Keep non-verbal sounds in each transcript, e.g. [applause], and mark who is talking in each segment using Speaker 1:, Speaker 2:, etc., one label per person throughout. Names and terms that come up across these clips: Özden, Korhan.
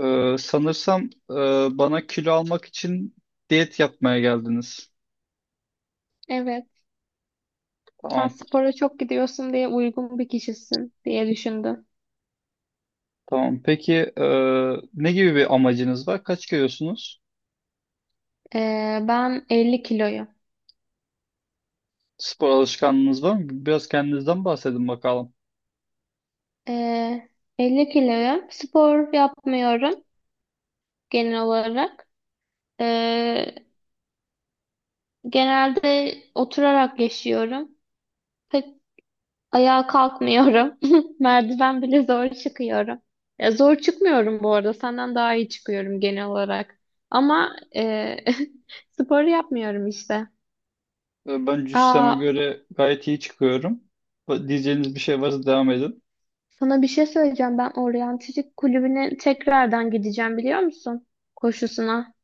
Speaker 1: Sanırsam bana kilo almak için diyet yapmaya geldiniz.
Speaker 2: Evet. Sen
Speaker 1: Tamam,
Speaker 2: spora çok gidiyorsun diye uygun bir kişisin diye düşündüm.
Speaker 1: tamam. Peki, ne gibi bir amacınız var? Kaç kilosunuz?
Speaker 2: Ben 50 kiloyum.
Speaker 1: Spor alışkanlığınız var mı? Biraz kendinizden bahsedin bakalım.
Speaker 2: Ee, 50 kiloyum. Spor yapmıyorum genel olarak. Ee, Genelde oturarak yaşıyorum. Pek ayağa kalkmıyorum. [laughs] Merdiven bile zor çıkıyorum. Ya zor çıkmıyorum bu arada. Senden daha iyi çıkıyorum genel olarak. Ama e, [laughs] spor yapmıyorum işte.
Speaker 1: Ben cüsseme
Speaker 2: Aa,
Speaker 1: göre gayet iyi çıkıyorum. Diyeceğiniz bir şey varsa devam edin.
Speaker 2: sana bir şey söyleyeceğim. Ben oryantistik kulübüne tekrardan gideceğim biliyor musun? Koşusuna.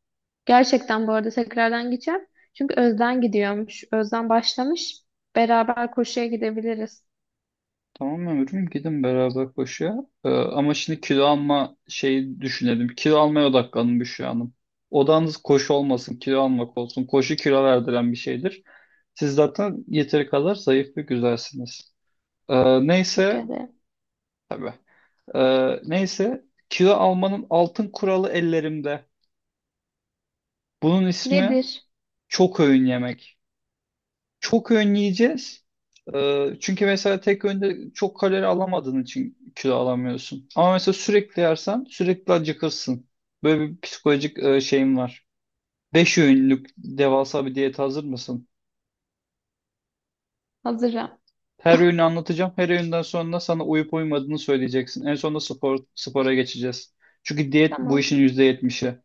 Speaker 2: Gerçekten bu arada tekrardan gideceğim. Çünkü Özden gidiyormuş. Özden başlamış. Beraber koşuya gidebiliriz.
Speaker 1: Tamam ömrüm, gidin beraber koşuya. Ama şimdi kilo alma şeyi düşünelim. Kilo almaya odaklanın, Büşra Hanım. Odanız koşu olmasın, kilo almak olsun. Koşu kilo verdiren bir şeydir. Siz zaten yeteri kadar zayıf ve güzelsiniz. Ee,
Speaker 2: Teşekkür
Speaker 1: neyse,
Speaker 2: ederim.
Speaker 1: e, neyse, kilo almanın altın kuralı ellerimde. Bunun ismi
Speaker 2: Nedir?
Speaker 1: çok öğün yemek. Çok önleyeceğiz. Çünkü mesela tek öğünde çok kalori alamadığın için kilo alamıyorsun. Ama mesela sürekli yersen sürekli acıkırsın. Böyle bir psikolojik şeyim var. Beş öğünlük devasa bir diyete hazır mısın?
Speaker 2: Hazırım.
Speaker 1: Her öğünü anlatacağım. Her öğünden sonra sana uyup uymadığını söyleyeceksin. En sonunda spora geçeceğiz. Çünkü diyet bu
Speaker 2: Tamam.
Speaker 1: işin %70'i.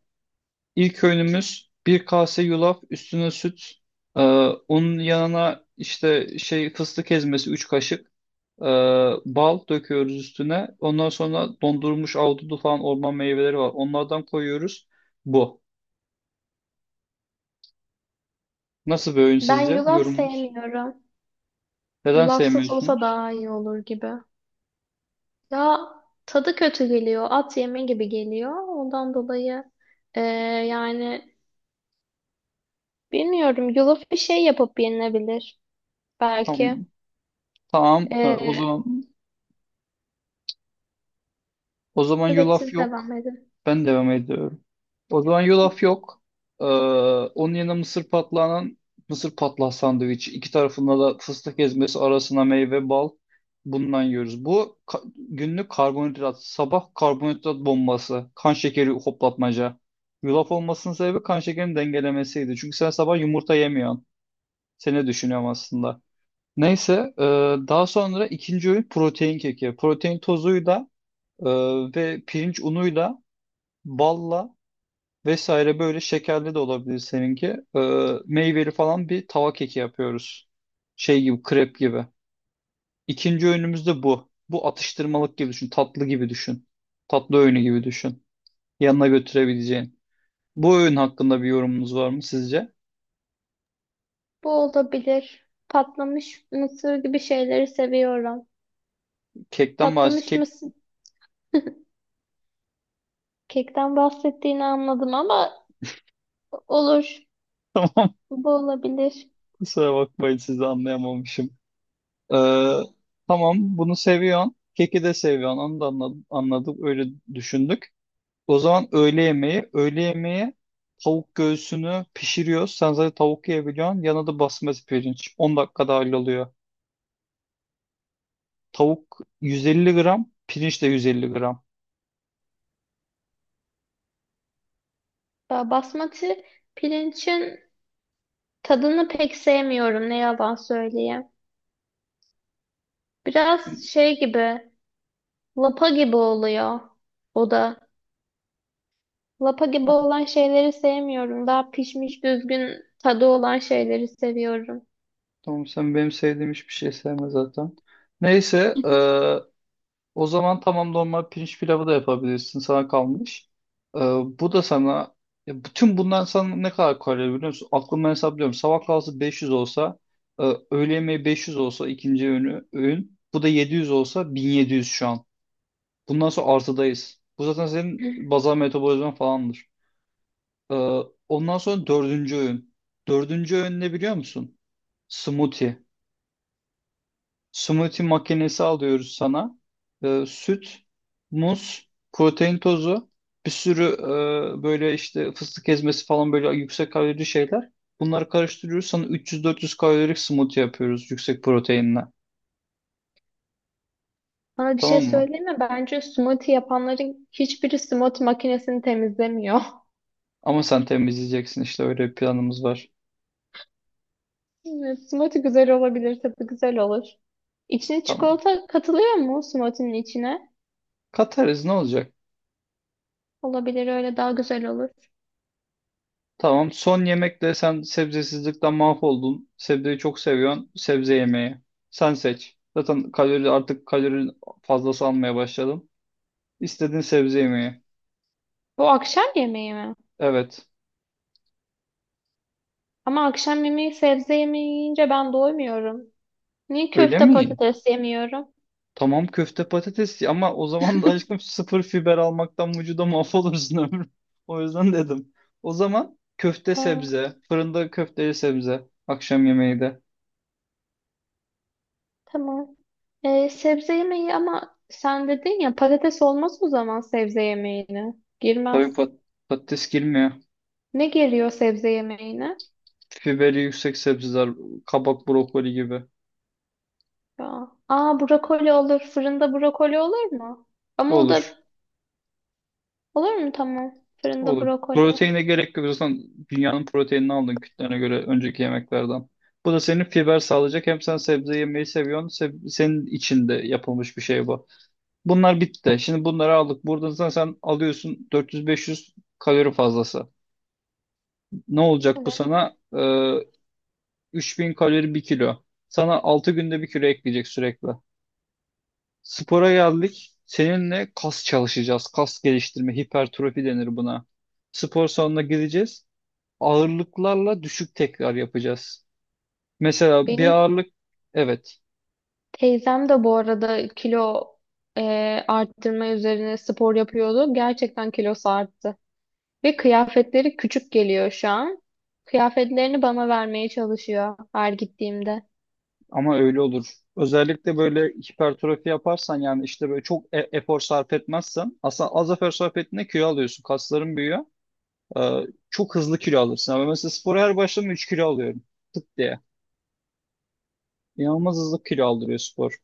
Speaker 1: İlk öğünümüz bir kase yulaf, üstüne süt. Ee, Onun yanına işte şey fıstık ezmesi 3 kaşık. Ee, Bal döküyoruz üstüne. Ondan sonra dondurulmuş ahududu falan orman meyveleri var. Onlardan koyuyoruz. Bu. Nasıl bir öğün
Speaker 2: Ben
Speaker 1: sizce?
Speaker 2: yulaf
Speaker 1: Yorumunuz.
Speaker 2: sevmiyorum.
Speaker 1: Neden
Speaker 2: Yulafsız olsa
Speaker 1: sevmiyorsunuz?
Speaker 2: daha iyi olur gibi. Ya tadı kötü geliyor. At yeme gibi geliyor. Ondan dolayı eee, yani bilmiyorum. Yulaf bir şey yapıp yenilebilir. Belki.
Speaker 1: Tamam. Tamam. O
Speaker 2: Ee,
Speaker 1: zaman, o zaman
Speaker 2: evet
Speaker 1: yulaf
Speaker 2: siz devam
Speaker 1: yok.
Speaker 2: edin.
Speaker 1: Ben devam ediyorum. O zaman yulaf yok. Ee, Onun yanına mısır patlağı sandviç. İki tarafında da fıstık ezmesi arasına meyve bal. Bundan yiyoruz. Günlük karbonhidrat. Sabah karbonhidrat bombası. Kan şekeri hoplatmaca. Yulaf olmasının sebebi kan şekerini dengelemesiydi. Çünkü sen sabah yumurta yemiyorsun. Seni düşünüyorum aslında. Neyse, daha sonra ikinci öğün protein keki. Protein tozuyla ee, ve pirinç unuyla, balla vesaire, böyle şekerli de olabilir seninki. Meyveli falan bir tava keki yapıyoruz. Şey gibi, krep gibi. İkinci öğünümüz de bu. Bu atıştırmalık gibi düşün, tatlı gibi düşün. Tatlı öğünü gibi düşün. Yanına götürebileceğin. Bu öğün hakkında bir yorumunuz var mı sizce?
Speaker 2: Bu olabilir. Patlamış mısır gibi şeyleri seviyorum. Patlamış
Speaker 1: Kek,
Speaker 2: mısır [laughs] kekten bahsettiğini anladım ama olur. Bu olabilir.
Speaker 1: kusura bakmayın, sizi anlayamamışım. Ee, tamam, bunu seviyorsun. Keki de seviyorsun. Onu da anladım, anladık. Öyle düşündük. O zaman öğle yemeği. Öğle yemeği tavuk göğsünü pişiriyoruz. Sen zaten tavuk yiyebiliyorsun. Yanına da basmati pirinç. 10 dakikada halloluyor. Tavuk 150 gram. Pirinç de 150 gram.
Speaker 2: Basmati pirincin tadını pek sevmiyorum ne yalan söyleyeyim. Biraz şey gibi, lapa gibi oluyor o da. Lapa gibi olan şeyleri sevmiyorum. Daha pişmiş düzgün tadı olan şeyleri seviyorum.
Speaker 1: Tamam, sen benim sevdiğim hiçbir şey sevme zaten. Neyse, o zaman tamam, normal pirinç pilavı da yapabilirsin. Sana kalmış. Ee, Bu da sana, ya bütün bundan sana ne kadar kalori biliyor musun? Aklımdan hesaplıyorum. Sabah kahvaltısı 500 olsa, öğle yemeği 500 olsa, ikinci öğünü öğün. Bu da 700 olsa, 1700 şu an. Bundan sonra artıdayız. Bu zaten senin
Speaker 2: [laughs]
Speaker 1: bazal metabolizman falandır. Ee, Ondan sonra dördüncü öğün. Dördüncü öğün ne biliyor musun? Smoothie. Smoothie makinesi alıyoruz sana. Süt, muz, protein tozu, bir sürü böyle işte fıstık ezmesi falan böyle yüksek kalorili şeyler. Bunları karıştırıyoruz. Sana 300-400 kalorilik smoothie yapıyoruz yüksek proteinle.
Speaker 2: Bana bir şey
Speaker 1: Tamam mı?
Speaker 2: söyleyeyim mi? Bence smoothie yapanların hiçbiri smoothie makinesini temizlemiyor. [laughs]
Speaker 1: Ama sen temizleyeceksin, işte öyle bir planımız var.
Speaker 2: Evet, smoothie güzel olabilir, tadı güzel olur. İçine
Speaker 1: Tamam.
Speaker 2: çikolata katılıyor mu smoothie'nin içine?
Speaker 1: Katarız, ne olacak?
Speaker 2: Olabilir, öyle daha güzel olur.
Speaker 1: Tamam. Son yemekte sen sebzesizlikten mahvoldun. Sebzeyi çok seviyorsun. Sebze yemeği. Sen seç. Zaten artık kalori fazlası almaya başladım. İstediğin sebze
Speaker 2: Hı.
Speaker 1: yemeği.
Speaker 2: Bu akşam yemeği mi?
Speaker 1: Evet.
Speaker 2: Ama akşam yemeği sebze yemeği yiyince ben doymuyorum. Niye
Speaker 1: Öyle
Speaker 2: köfte
Speaker 1: mi?
Speaker 2: patates yemiyorum?
Speaker 1: Tamam, köfte patates, ama o zaman da aşkım sıfır fiber almaktan vücuda mahvolursun ömrüm. [laughs] O yüzden dedim. O zaman köfte
Speaker 2: Aa,
Speaker 1: sebze. Fırında köfteli sebze. Akşam yemeği de.
Speaker 2: tamam. Sebze yemeği ama sen dedin ya patates olmaz o zaman sebze yemeğine.
Speaker 1: Tabii
Speaker 2: Girmez.
Speaker 1: patates girmiyor.
Speaker 2: Ne geliyor sebze yemeğine?
Speaker 1: Fiberi yüksek sebzeler. Kabak, brokoli gibi.
Speaker 2: Ya. Aa brokoli olur. Fırında brokoli olur mu? Ama o
Speaker 1: Olur.
Speaker 2: da olur mu tamam. Fırında
Speaker 1: Olur.
Speaker 2: brokoli.
Speaker 1: Proteine gerek yok. Zaten dünyanın proteinini aldın kütlene göre önceki yemeklerden. Bu da senin fiber sağlayacak. Hem sen sebze yemeyi seviyorsun. Senin içinde yapılmış bir şey bu. Bunlar bitti. Şimdi bunları aldık. Buradan sen alıyorsun 400-500 kalori fazlası. Ne olacak bu
Speaker 2: Evet.
Speaker 1: sana? 3.000 kalori bir kilo. Sana 6 günde bir kilo ekleyecek sürekli. Spora geldik. Seninle kas çalışacağız. Kas geliştirme, hipertrofi denir buna. Spor salonuna gideceğiz. Ağırlıklarla düşük tekrar yapacağız. Mesela bir
Speaker 2: Benim
Speaker 1: ağırlık, evet,
Speaker 2: teyzem de bu arada e, arttırma üzerine spor yapıyordu. Gerçekten kilosu arttı. Ve kıyafetleri küçük geliyor şu an. Kıyafetlerini bana vermeye çalışıyor her gittiğimde.
Speaker 1: ama öyle olur. Özellikle böyle hipertrofi yaparsan, yani işte böyle çok efor sarf etmezsen, aslında az efor sarf ettiğinde kilo alıyorsun. Kasların büyüyor. Ee, Çok hızlı kilo alırsın. Ama mesela spora her başladığımda 3 kilo alıyorum. Tık diye. İnanılmaz hızlı kilo aldırıyor spor.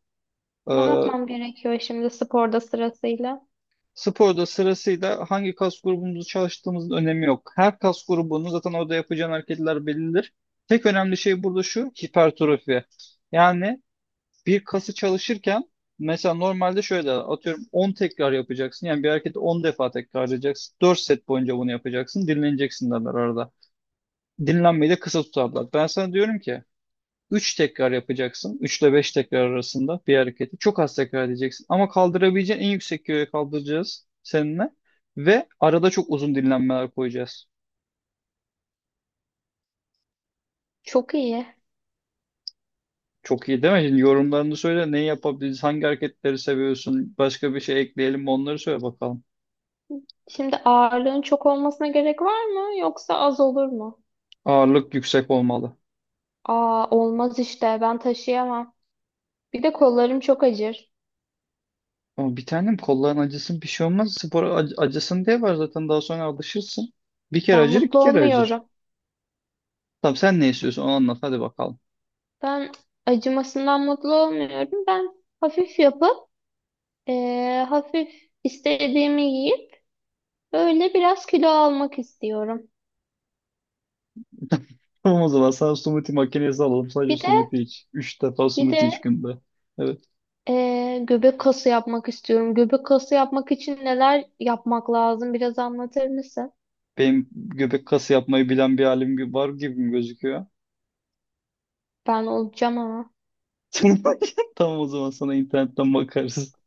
Speaker 2: Ne
Speaker 1: Ee,
Speaker 2: yapmam gerekiyor şimdi sporda sırasıyla?
Speaker 1: Sporda sırasıyla hangi kas grubumuzu çalıştığımızın önemi yok. Her kas grubunun zaten orada yapacağın hareketler bellidir. Tek önemli şey burada şu hipertrofi. Yani bir kası çalışırken mesela normalde şöyle atıyorum 10 tekrar yapacaksın. Yani bir hareketi 10 defa tekrarlayacaksın. 4 set boyunca bunu yapacaksın. Dinleneceksin derler arada. Dinlenmeyi de kısa tutarlar. Ben sana diyorum ki 3 tekrar yapacaksın. 3 ile 5 tekrar arasında bir hareketi. Çok az tekrar edeceksin. Ama kaldırabileceğin en yüksek kiloya kaldıracağız seninle. Ve arada çok uzun dinlenmeler koyacağız.
Speaker 2: Çok iyi.
Speaker 1: Çok iyi değil mi? Şimdi yorumlarını söyle. Neyi yapabiliriz? Hangi hareketleri seviyorsun? Başka bir şey ekleyelim mi? Onları söyle bakalım.
Speaker 2: Şimdi ağırlığın çok olmasına gerek var mı yoksa az olur mu?
Speaker 1: Ağırlık yüksek olmalı.
Speaker 2: Aa olmaz işte ben taşıyamam. Bir de kollarım çok acır.
Speaker 1: Ama bir tanem, kolların acısın, bir şey olmaz. Spor acısın diye var zaten, daha sonra alışırsın. Bir kere
Speaker 2: Ben
Speaker 1: acır, iki
Speaker 2: mutlu
Speaker 1: kere acır.
Speaker 2: olmuyorum.
Speaker 1: Tamam, sen ne istiyorsun onu anlat hadi bakalım.
Speaker 2: Ben acımasından mutlu olmuyorum. Ben hafif yapıp hafif istediğimi yiyip böyle biraz kilo almak istiyorum.
Speaker 1: [laughs] Tamam, o zaman sana smoothie makinesi alalım. Sadece
Speaker 2: Bir de
Speaker 1: smoothie iç. 3 defa
Speaker 2: bir
Speaker 1: smoothie iç
Speaker 2: de
Speaker 1: günde. Evet.
Speaker 2: göbek kası yapmak istiyorum. Göbek kası yapmak için neler yapmak lazım? Biraz anlatır mısın?
Speaker 1: Benim göbek kası yapmayı bilen bir halim gibi var gibi mi gözüküyor?
Speaker 2: Ben olacağım ama.
Speaker 1: [laughs] Tamam, o zaman sana internetten bakarız.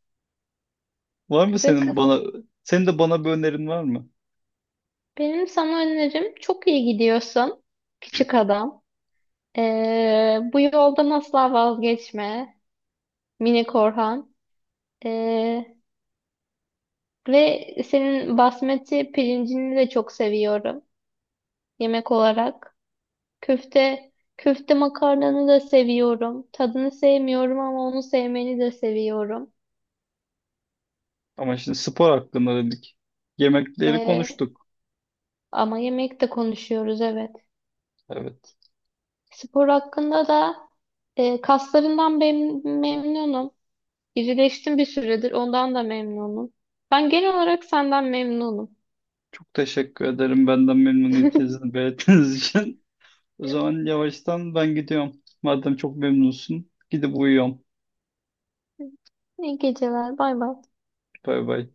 Speaker 1: Var mı
Speaker 2: Göbek
Speaker 1: senin
Speaker 2: kası.
Speaker 1: bana Senin de bana bir önerin var mı?
Speaker 2: Benim sana önerim çok iyi gidiyorsun. Küçük adam. Bu yoldan asla vazgeçme. Mini Korhan. Ee, Ve senin basmati pirincini de çok seviyorum. Yemek olarak. Köfte, köfte makarnanı da seviyorum. Tadını sevmiyorum ama onu sevmeni de seviyorum.
Speaker 1: Ama şimdi spor hakkında dedik. Yemekleri
Speaker 2: Ee,
Speaker 1: konuştuk.
Speaker 2: Ama yemekte konuşuyoruz evet.
Speaker 1: Evet.
Speaker 2: Spor hakkında da kaslarından memnunum. İrileştim bir süredir ondan da memnunum. Ben genel olarak senden memnunum.
Speaker 1: Çok teşekkür ederim benden memnuniyetinizi belirttiğiniz için. [laughs] O zaman yavaştan ben gidiyorum. Madem çok memnunsun gidip uyuyorum.
Speaker 2: İyi geceler. Bay bay.
Speaker 1: Bay bay.